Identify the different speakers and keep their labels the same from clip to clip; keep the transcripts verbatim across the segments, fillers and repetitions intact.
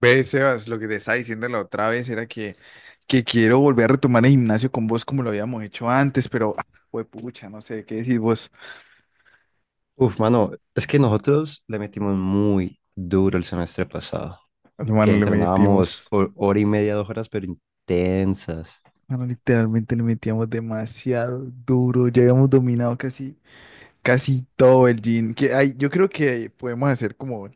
Speaker 1: Ves, Sebas, lo que te estaba diciendo la otra vez era que, que quiero volver a retomar el gimnasio con vos como lo habíamos hecho antes, pero, ah, pucha, no sé, ¿qué decís vos?
Speaker 2: Uf, mano, es que nosotros le metimos muy duro el semestre pasado, que
Speaker 1: Hermano, le
Speaker 2: entrenábamos
Speaker 1: metimos,
Speaker 2: ho- hora y media, dos horas, pero intensas.
Speaker 1: hermano, literalmente le metíamos demasiado duro, ya habíamos dominado casi, casi todo el gym, que hay, yo creo que podemos hacer como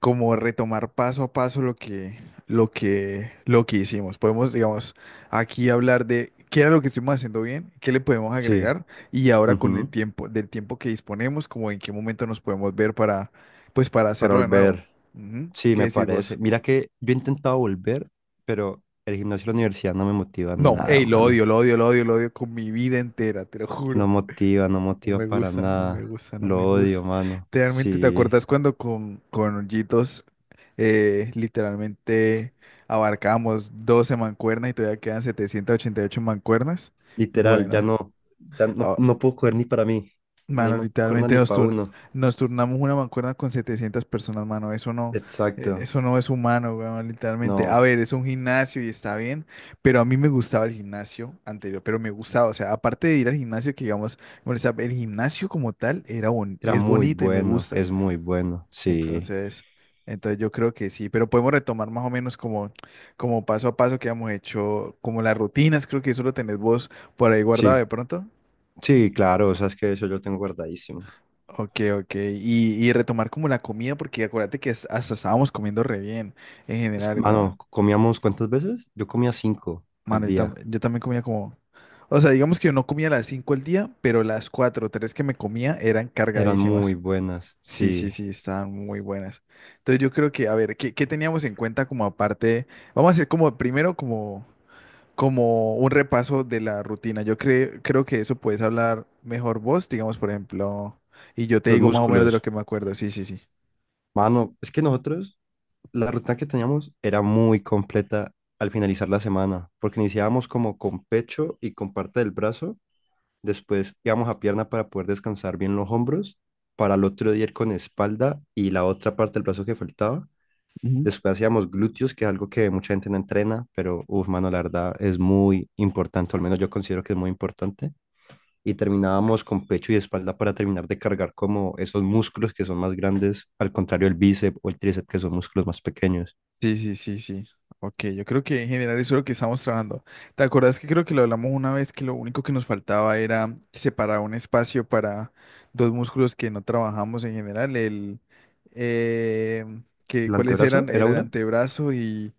Speaker 1: como retomar paso a paso lo que, lo que, lo que hicimos. Podemos, digamos, aquí hablar de qué era lo que estuvimos haciendo bien, qué le podemos
Speaker 2: Sí,
Speaker 1: agregar y ahora con el
Speaker 2: ujú.
Speaker 1: tiempo, del tiempo que disponemos, como en qué momento nos podemos ver para, pues, para
Speaker 2: Para
Speaker 1: hacerlo de nuevo.
Speaker 2: volver.
Speaker 1: Ujú.
Speaker 2: Sí,
Speaker 1: ¿Qué
Speaker 2: me
Speaker 1: decís
Speaker 2: parece.
Speaker 1: vos?
Speaker 2: Mira que yo he intentado volver, pero el gimnasio de la universidad no me motiva
Speaker 1: No,
Speaker 2: nada,
Speaker 1: hey, lo odio,
Speaker 2: mano.
Speaker 1: lo odio, lo odio, lo odio con mi vida entera, te lo
Speaker 2: No
Speaker 1: juro.
Speaker 2: motiva, no
Speaker 1: No
Speaker 2: motiva
Speaker 1: me
Speaker 2: para
Speaker 1: gusta, no me
Speaker 2: nada.
Speaker 1: gusta, no me
Speaker 2: Lo odio,
Speaker 1: gusta.
Speaker 2: mano.
Speaker 1: Realmente, ¿te
Speaker 2: Sí,
Speaker 1: acuerdas cuando con, con Hoyitos, eh, literalmente abarcamos doce mancuernas y todavía quedan setecientas ochenta y ocho mancuernas?
Speaker 2: literal, ya
Speaker 1: Bueno,
Speaker 2: no, ya no,
Speaker 1: a-
Speaker 2: no puedo coger ni para mí, ni
Speaker 1: mano,
Speaker 2: me acuerdo
Speaker 1: literalmente
Speaker 2: ni
Speaker 1: nos,
Speaker 2: para
Speaker 1: tur-
Speaker 2: uno.
Speaker 1: nos turnamos una mancuerna con setecientas personas, mano. Eso no, eh,
Speaker 2: Exacto.
Speaker 1: eso no es humano, weón, literalmente. A
Speaker 2: No.
Speaker 1: ver, es un gimnasio y está bien, pero a mí me gustaba el gimnasio anterior, pero me gustaba, o sea, aparte de ir al gimnasio, que digamos, bueno, o sea, el gimnasio como tal era bon-
Speaker 2: Era
Speaker 1: es
Speaker 2: muy
Speaker 1: bonito y me
Speaker 2: bueno,
Speaker 1: gusta.
Speaker 2: es muy bueno. Sí,
Speaker 1: Entonces, entonces yo creo que sí, pero podemos retomar más o menos como, como paso a paso que hemos hecho, como las rutinas, creo que eso lo tenés vos por ahí guardado
Speaker 2: sí,
Speaker 1: de pronto.
Speaker 2: sí, claro, o sea, es que eso yo lo tengo guardadísimo.
Speaker 1: Ok, ok. Y, y retomar como la comida, porque acuérdate que es- hasta estábamos comiendo re bien en
Speaker 2: Es-
Speaker 1: general, weón.
Speaker 2: Mano, ¿comíamos cuántas veces? Yo comía cinco al
Speaker 1: Mano, yo, tam-
Speaker 2: día.
Speaker 1: yo también comía como... O sea, digamos que yo no comía a las cinco al día, pero las cuatro, o tres que me comía eran
Speaker 2: Eran muy
Speaker 1: cargadísimas.
Speaker 2: buenas,
Speaker 1: Sí, sí,
Speaker 2: sí.
Speaker 1: sí, estaban muy buenas. Entonces yo creo que, a ver, ¿qué, qué teníamos en cuenta como aparte? Vamos a hacer como primero como, como un repaso de la rutina. Yo cre- creo que eso puedes hablar mejor vos, digamos, por ejemplo, y yo te
Speaker 2: Los
Speaker 1: digo más o menos de lo
Speaker 2: músculos,
Speaker 1: que me acuerdo. Sí, sí, sí.
Speaker 2: mano, es que nosotros, la rutina que teníamos era muy completa al finalizar la semana, porque iniciábamos como con pecho y con parte del brazo, después íbamos a pierna para poder descansar bien los hombros, para el otro día ir con espalda y la otra parte del brazo que faltaba. Después hacíamos glúteos, que es algo que mucha gente no entrena, pero, uff, mano, la verdad es muy importante, o al menos yo considero que es muy importante. Y terminábamos con pecho y espalda para terminar de cargar como esos músculos que son más grandes, al contrario del bíceps o el tríceps, que son músculos más pequeños.
Speaker 1: Sí, sí, sí, sí. Ok, yo creo que en general eso es lo que estamos trabajando. ¿Te acuerdas que creo que lo hablamos una vez que lo único que nos faltaba era separar un espacio para dos músculos que no trabajamos en general? El, eh, que,
Speaker 2: El
Speaker 1: ¿cuáles
Speaker 2: antebrazo
Speaker 1: eran?
Speaker 2: era
Speaker 1: Era el
Speaker 2: uno,
Speaker 1: antebrazo y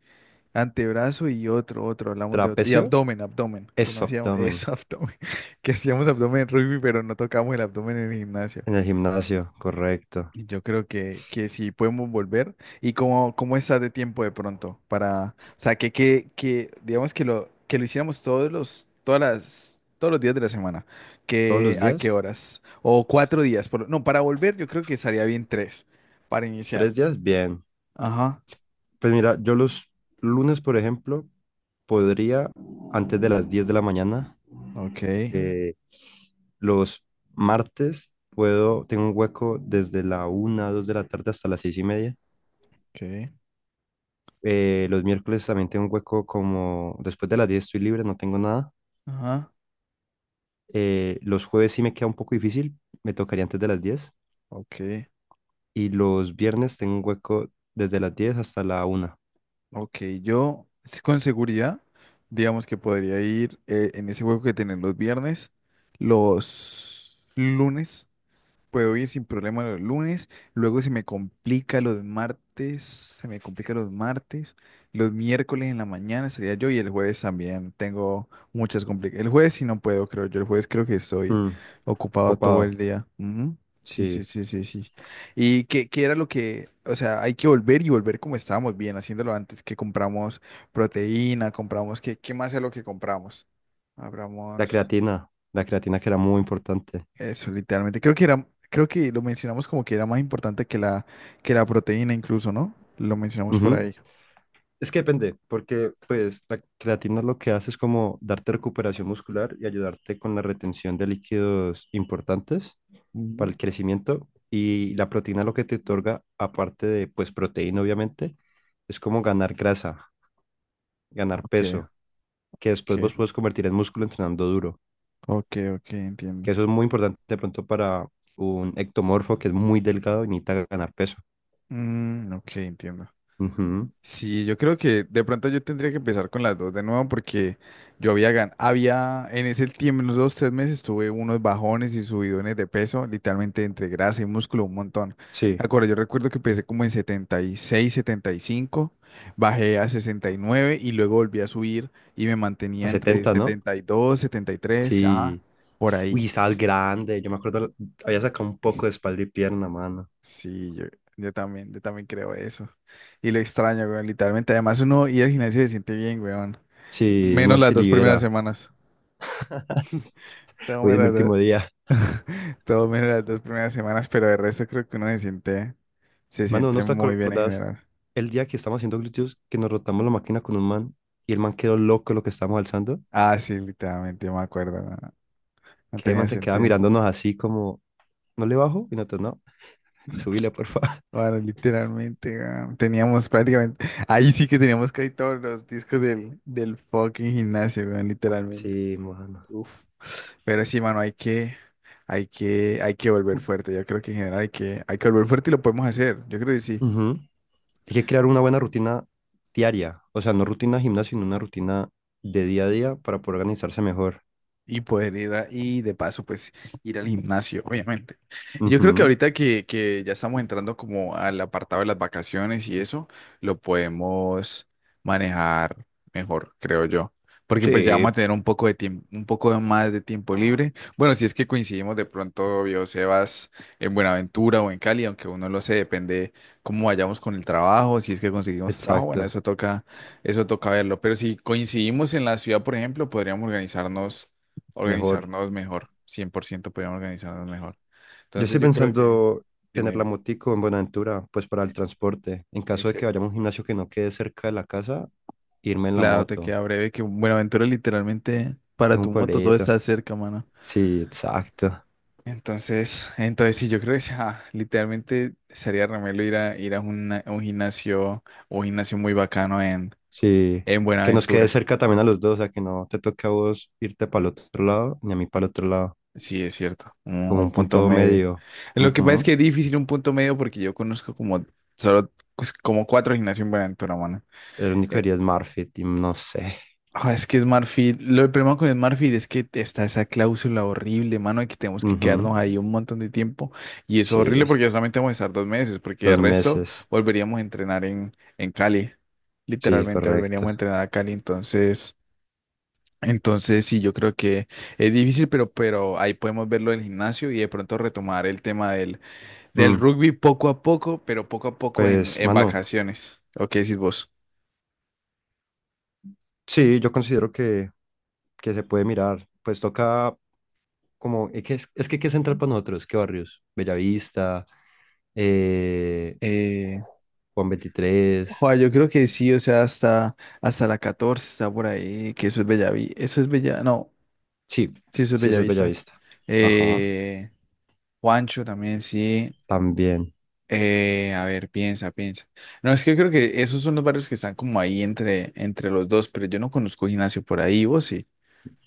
Speaker 1: antebrazo y otro, otro, hablamos de otro. Y
Speaker 2: trapecio,
Speaker 1: abdomen, abdomen, que no
Speaker 2: eso,
Speaker 1: hacíamos,
Speaker 2: abdomen.
Speaker 1: eso, abdomen, que hacíamos abdomen en rugby, pero no tocamos el abdomen en el gimnasio.
Speaker 2: En el gimnasio, correcto.
Speaker 1: Yo creo que, que sí podemos volver. ¿Y cómo, cómo estás de tiempo de pronto? Para, o sea, que, que, que digamos que lo, que lo hiciéramos todos los, todas las, todos los días de la semana.
Speaker 2: Todos
Speaker 1: ¿Que
Speaker 2: los
Speaker 1: a qué
Speaker 2: días,
Speaker 1: horas? O cuatro días. Por- no, para volver yo creo que estaría bien tres para iniciar.
Speaker 2: tres días, bien.
Speaker 1: Ajá.
Speaker 2: Pues mira, yo los lunes, por ejemplo, podría, antes de las diez de la mañana,
Speaker 1: Ok,
Speaker 2: que... Los martes puedo, tengo un hueco desde la una dos de la tarde hasta las seis y media.
Speaker 1: ok.
Speaker 2: Eh, los miércoles también tengo un hueco como después de las diez estoy libre, no tengo nada.
Speaker 1: Ajá.
Speaker 2: Eh, los jueves sí me queda un poco difícil, me tocaría antes de las diez.
Speaker 1: Ok,
Speaker 2: Y los viernes tengo un hueco desde las diez hasta la una.
Speaker 1: ok. Yo s- con seguridad, digamos que podría ir, eh, en ese juego que tienen los viernes, los lunes. Puedo ir sin problema los lunes, luego se me complica los martes, se me complica los martes, los miércoles en la mañana sería yo, y el jueves también tengo muchas complicaciones. El jueves sí no puedo, creo yo, el jueves creo que estoy
Speaker 2: Mm,
Speaker 1: ocupado todo
Speaker 2: copado,
Speaker 1: el día. Ujú. Sí, sí,
Speaker 2: sí.
Speaker 1: sí, sí, sí. ¿Y qué, qué era lo que, o sea, hay que volver y volver como estábamos bien, haciéndolo antes que compramos proteína, compramos, ¿qué, qué más es lo que compramos?
Speaker 2: La
Speaker 1: Compramos.
Speaker 2: creatina, la creatina que era muy importante.
Speaker 1: Eso, literalmente. Creo que era, creo que lo mencionamos como que era más importante que la, que la proteína incluso, ¿no? Lo mencionamos por
Speaker 2: Ujú.
Speaker 1: ahí.
Speaker 2: Es que depende, porque pues la creatina lo que hace es como darte recuperación muscular y ayudarte con la retención de líquidos importantes para
Speaker 1: Ujú.
Speaker 2: el crecimiento. Y la proteína lo que te otorga, aparte de pues proteína obviamente, es como ganar grasa, ganar
Speaker 1: Ok,
Speaker 2: peso, que
Speaker 1: ok,
Speaker 2: después vos puedes convertir en músculo entrenando duro.
Speaker 1: ok, ok, entiendo.
Speaker 2: Que eso es muy importante de pronto para un ectomorfo que es muy delgado y necesita ganar peso.
Speaker 1: Mm, ok, entiendo.
Speaker 2: Ujú.
Speaker 1: Sí, yo creo que de pronto yo tendría que empezar con las dos de nuevo porque yo había gan había en ese tiempo, en los dos, tres meses, tuve unos bajones y subidones de peso, literalmente entre grasa y músculo, un montón. Me
Speaker 2: Sí,
Speaker 1: acuerdo, yo recuerdo que empecé como en setenta setenta y seis, setenta y cinco, bajé a sesenta y nueve y luego volví a subir y me
Speaker 2: a
Speaker 1: mantenía entre
Speaker 2: setenta, ¿no?
Speaker 1: setenta setenta y dos, setenta y tres, ah,
Speaker 2: Sí.
Speaker 1: por
Speaker 2: Uy,
Speaker 1: ahí.
Speaker 2: estabas grande. Yo me acuerdo, había sacado un poco de espalda y pierna, mano.
Speaker 1: Sí, yo, yo también, yo también creo eso. Y lo extraño, weón, literalmente. Además uno ir al gimnasio se siente bien, weón.
Speaker 2: Sí,
Speaker 1: Menos
Speaker 2: uno
Speaker 1: las
Speaker 2: se
Speaker 1: dos primeras
Speaker 2: libera.
Speaker 1: semanas. Todo
Speaker 2: Hoy
Speaker 1: menos
Speaker 2: es mi
Speaker 1: las dos,
Speaker 2: último día.
Speaker 1: todo menos las dos primeras semanas, pero de resto creo que uno se siente, se
Speaker 2: Mano, ¿no
Speaker 1: siente
Speaker 2: te
Speaker 1: muy bien en
Speaker 2: acordás
Speaker 1: general.
Speaker 2: el día que estábamos haciendo glúteos que nos rotamos la máquina con un man y el man quedó loco lo que estábamos alzando?
Speaker 1: Ah, sí, literalmente, yo me acuerdo, no, no
Speaker 2: Que el
Speaker 1: tenía
Speaker 2: man se quedaba
Speaker 1: sentido.
Speaker 2: mirándonos así como, ¿no le bajo? Y nosotros, no, subile, por favor.
Speaker 1: Bueno, literalmente, weón, teníamos prácticamente, ahí sí que teníamos casi todos los discos del, del fucking gimnasio, weón, literalmente.
Speaker 2: Sí, mano.
Speaker 1: Uf. Pero sí, mano, hay que, hay que, hay que volver fuerte. Yo creo que en general hay que, hay que volver fuerte y lo podemos hacer. Yo creo que sí.
Speaker 2: Ujú. Hay que crear una buena rutina diaria, o sea, no rutina de gimnasio, sino una rutina de día a día para poder organizarse mejor.
Speaker 1: Y poder ir a- y de paso, pues ir al gimnasio, obviamente. Y yo creo que
Speaker 2: Ujú.
Speaker 1: ahorita que, que ya estamos entrando como al apartado de las vacaciones y eso, lo podemos manejar mejor, creo yo. Porque pues ya vamos a
Speaker 2: Sí.
Speaker 1: tener un poco de tiempo, un poco más de tiempo libre. Bueno, si es que coincidimos de pronto, yo, Sebas, en Buenaventura o en Cali, aunque uno lo sé, depende cómo vayamos con el trabajo, si es que conseguimos trabajo, bueno,
Speaker 2: Exacto,
Speaker 1: eso toca, eso toca verlo. Pero si coincidimos en la ciudad, por ejemplo, podríamos organizarnos
Speaker 2: mejor.
Speaker 1: organizarnos mejor, cien por ciento podríamos organizarnos mejor.
Speaker 2: Yo
Speaker 1: Entonces
Speaker 2: estoy
Speaker 1: yo creo que,
Speaker 2: pensando
Speaker 1: dime,
Speaker 2: tener la
Speaker 1: dime,
Speaker 2: motico en Buenaventura, pues para el transporte. En
Speaker 1: en
Speaker 2: caso de que
Speaker 1: serio.
Speaker 2: vayamos a un gimnasio que no quede cerca de la casa, irme en la
Speaker 1: Claro, te
Speaker 2: moto.
Speaker 1: queda breve que Buenaventura literalmente
Speaker 2: Es
Speaker 1: para tu
Speaker 2: un
Speaker 1: moto todo está
Speaker 2: pueblito.
Speaker 1: cerca, mano.
Speaker 2: Sí, exacto.
Speaker 1: Entonces, entonces sí, yo creo que sea, literalmente sería remelo ir a ir a una- a un gimnasio, un gimnasio muy bacano en,
Speaker 2: Sí.
Speaker 1: en
Speaker 2: Que nos quede
Speaker 1: Buenaventura.
Speaker 2: cerca también a los dos, o sea, que no te toque a vos irte para el otro lado, ni a mí para el otro lado,
Speaker 1: Sí, es cierto, un,
Speaker 2: como
Speaker 1: un
Speaker 2: un
Speaker 1: punto
Speaker 2: punto
Speaker 1: medio.
Speaker 2: medio.
Speaker 1: Lo que pasa es
Speaker 2: Ujú.
Speaker 1: que es difícil un punto medio porque yo conozco como solo pues, como cuatro gimnasios en Buenaventura, mano.
Speaker 2: El único
Speaker 1: Eh,
Speaker 2: día es marketing, no sé.
Speaker 1: Ah, es que Smart Fit, lo problema con Smart Fit es que está esa cláusula horrible, mano, de que tenemos que
Speaker 2: Ujú.
Speaker 1: quedarnos ahí un montón de tiempo. Y eso es
Speaker 2: Sí,
Speaker 1: horrible porque solamente vamos a estar dos meses, porque el
Speaker 2: dos
Speaker 1: resto
Speaker 2: meses.
Speaker 1: volveríamos a entrenar en, en Cali.
Speaker 2: Sí,
Speaker 1: Literalmente volveríamos
Speaker 2: correcto.
Speaker 1: a entrenar a Cali. Entonces, entonces sí, yo creo que es difícil, pero, pero ahí podemos verlo del gimnasio y de pronto retomar el tema del, del
Speaker 2: Mm,
Speaker 1: rugby poco a poco, pero poco a poco en,
Speaker 2: pues,
Speaker 1: en
Speaker 2: mano,
Speaker 1: vacaciones. ¿O qué decís vos?
Speaker 2: sí, yo considero que, que se puede mirar. Pues toca como, es que, es, es que ¿qué es central para nosotros? ¿Qué barrios? Bellavista, eh, Juan veintitrés.
Speaker 1: Joa, yo creo que sí, o sea, hasta, hasta la catorce está por ahí, que eso es Bellaví, eso es Bella, no,
Speaker 2: Sí,
Speaker 1: sí, eso es
Speaker 2: sí, eso es
Speaker 1: Bellavista.
Speaker 2: Bellavista. Ajá,
Speaker 1: Eh, Juancho también, sí.
Speaker 2: también.
Speaker 1: Eh, a ver, piensa, piensa. No, es que creo que esos son los barrios que están como ahí entre, entre los dos, pero yo no conozco gimnasio por ahí, vos sí.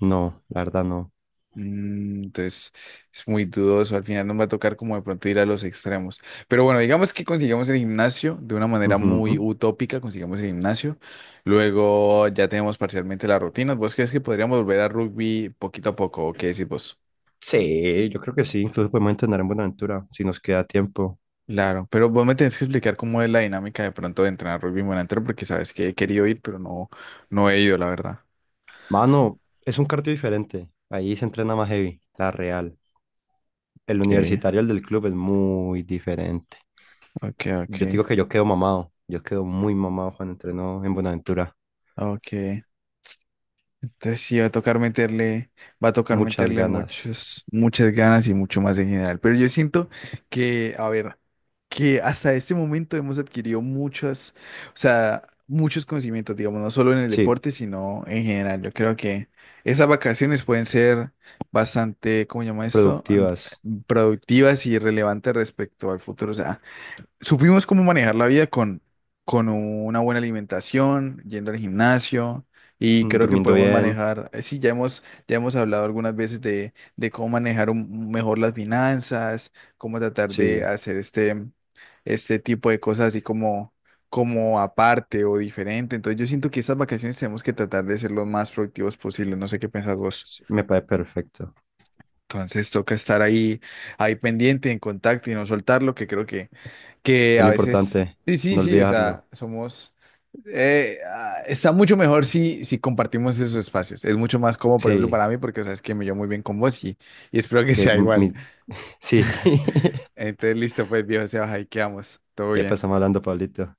Speaker 2: No, la verdad no.
Speaker 1: Mm, entonces es muy dudoso, al final nos va a tocar como de pronto ir a los extremos. Pero bueno, digamos que consigamos el gimnasio de una manera
Speaker 2: Ujú.
Speaker 1: muy utópica, consigamos el gimnasio, luego ya tenemos parcialmente las rutinas. ¿Vos crees que podríamos volver a rugby poquito a poco o qué decís vos?
Speaker 2: Sí, yo creo que sí. Incluso podemos entrenar en Buenaventura si nos queda tiempo.
Speaker 1: Claro, pero vos me tenés que explicar cómo es la dinámica de pronto de entrenar rugby monitor porque sabes que he querido ir, pero no, no he ido, la verdad.
Speaker 2: Mano, es un cardio diferente. Ahí se entrena más heavy, la real. El
Speaker 1: Okay,
Speaker 2: universitario, el del club, es muy diferente.
Speaker 1: okay,
Speaker 2: Yo te
Speaker 1: okay,
Speaker 2: digo que yo quedo mamado. Yo quedo muy mamado cuando entreno en Buenaventura.
Speaker 1: ok. Entonces sí va a tocar meterle, va a tocar
Speaker 2: Muchas
Speaker 1: meterle
Speaker 2: ganas.
Speaker 1: muchos, muchas ganas y mucho más en general. Pero yo siento que, a ver, que hasta este momento hemos adquirido muchas, o sea, muchos conocimientos, digamos, no solo en el
Speaker 2: Sí,
Speaker 1: deporte, sino en general. Yo creo que esas vacaciones pueden ser bastante, ¿cómo llama esto? An-
Speaker 2: productivas.
Speaker 1: Productivas y relevantes respecto al futuro. O sea, supimos cómo manejar la vida con, con una buena alimentación, yendo al gimnasio, y
Speaker 2: Mm,
Speaker 1: creo que
Speaker 2: durmiendo
Speaker 1: podemos
Speaker 2: bien.
Speaker 1: manejar, eh, sí, ya hemos, ya hemos hablado algunas veces de, de cómo manejar un- mejor las finanzas, cómo tratar de
Speaker 2: Sí,
Speaker 1: hacer este, este tipo de cosas así como, como aparte o diferente. Entonces yo siento que estas vacaciones tenemos que tratar de ser lo más productivos posible, no sé qué pensás vos.
Speaker 2: sí, me parece perfecto.
Speaker 1: Entonces toca estar ahí, ahí pendiente, en contacto y no soltarlo, que creo que que
Speaker 2: Es
Speaker 1: a
Speaker 2: lo
Speaker 1: veces,
Speaker 2: importante,
Speaker 1: sí, sí,
Speaker 2: no
Speaker 1: sí, o
Speaker 2: olvidarlo.
Speaker 1: sea, somos, eh, ah, está mucho mejor si, si compartimos esos espacios. Es mucho más cómodo, por ejemplo,
Speaker 2: Sí,
Speaker 1: para mí, porque sabes que me llevo muy bien con vos y, y espero que
Speaker 2: eh,
Speaker 1: sea igual.
Speaker 2: mi- sí.
Speaker 1: Entonces, listo, pues, viejo, se baja y quedamos. Todo
Speaker 2: Epa,
Speaker 1: bien.
Speaker 2: estamos hablando, Pablito.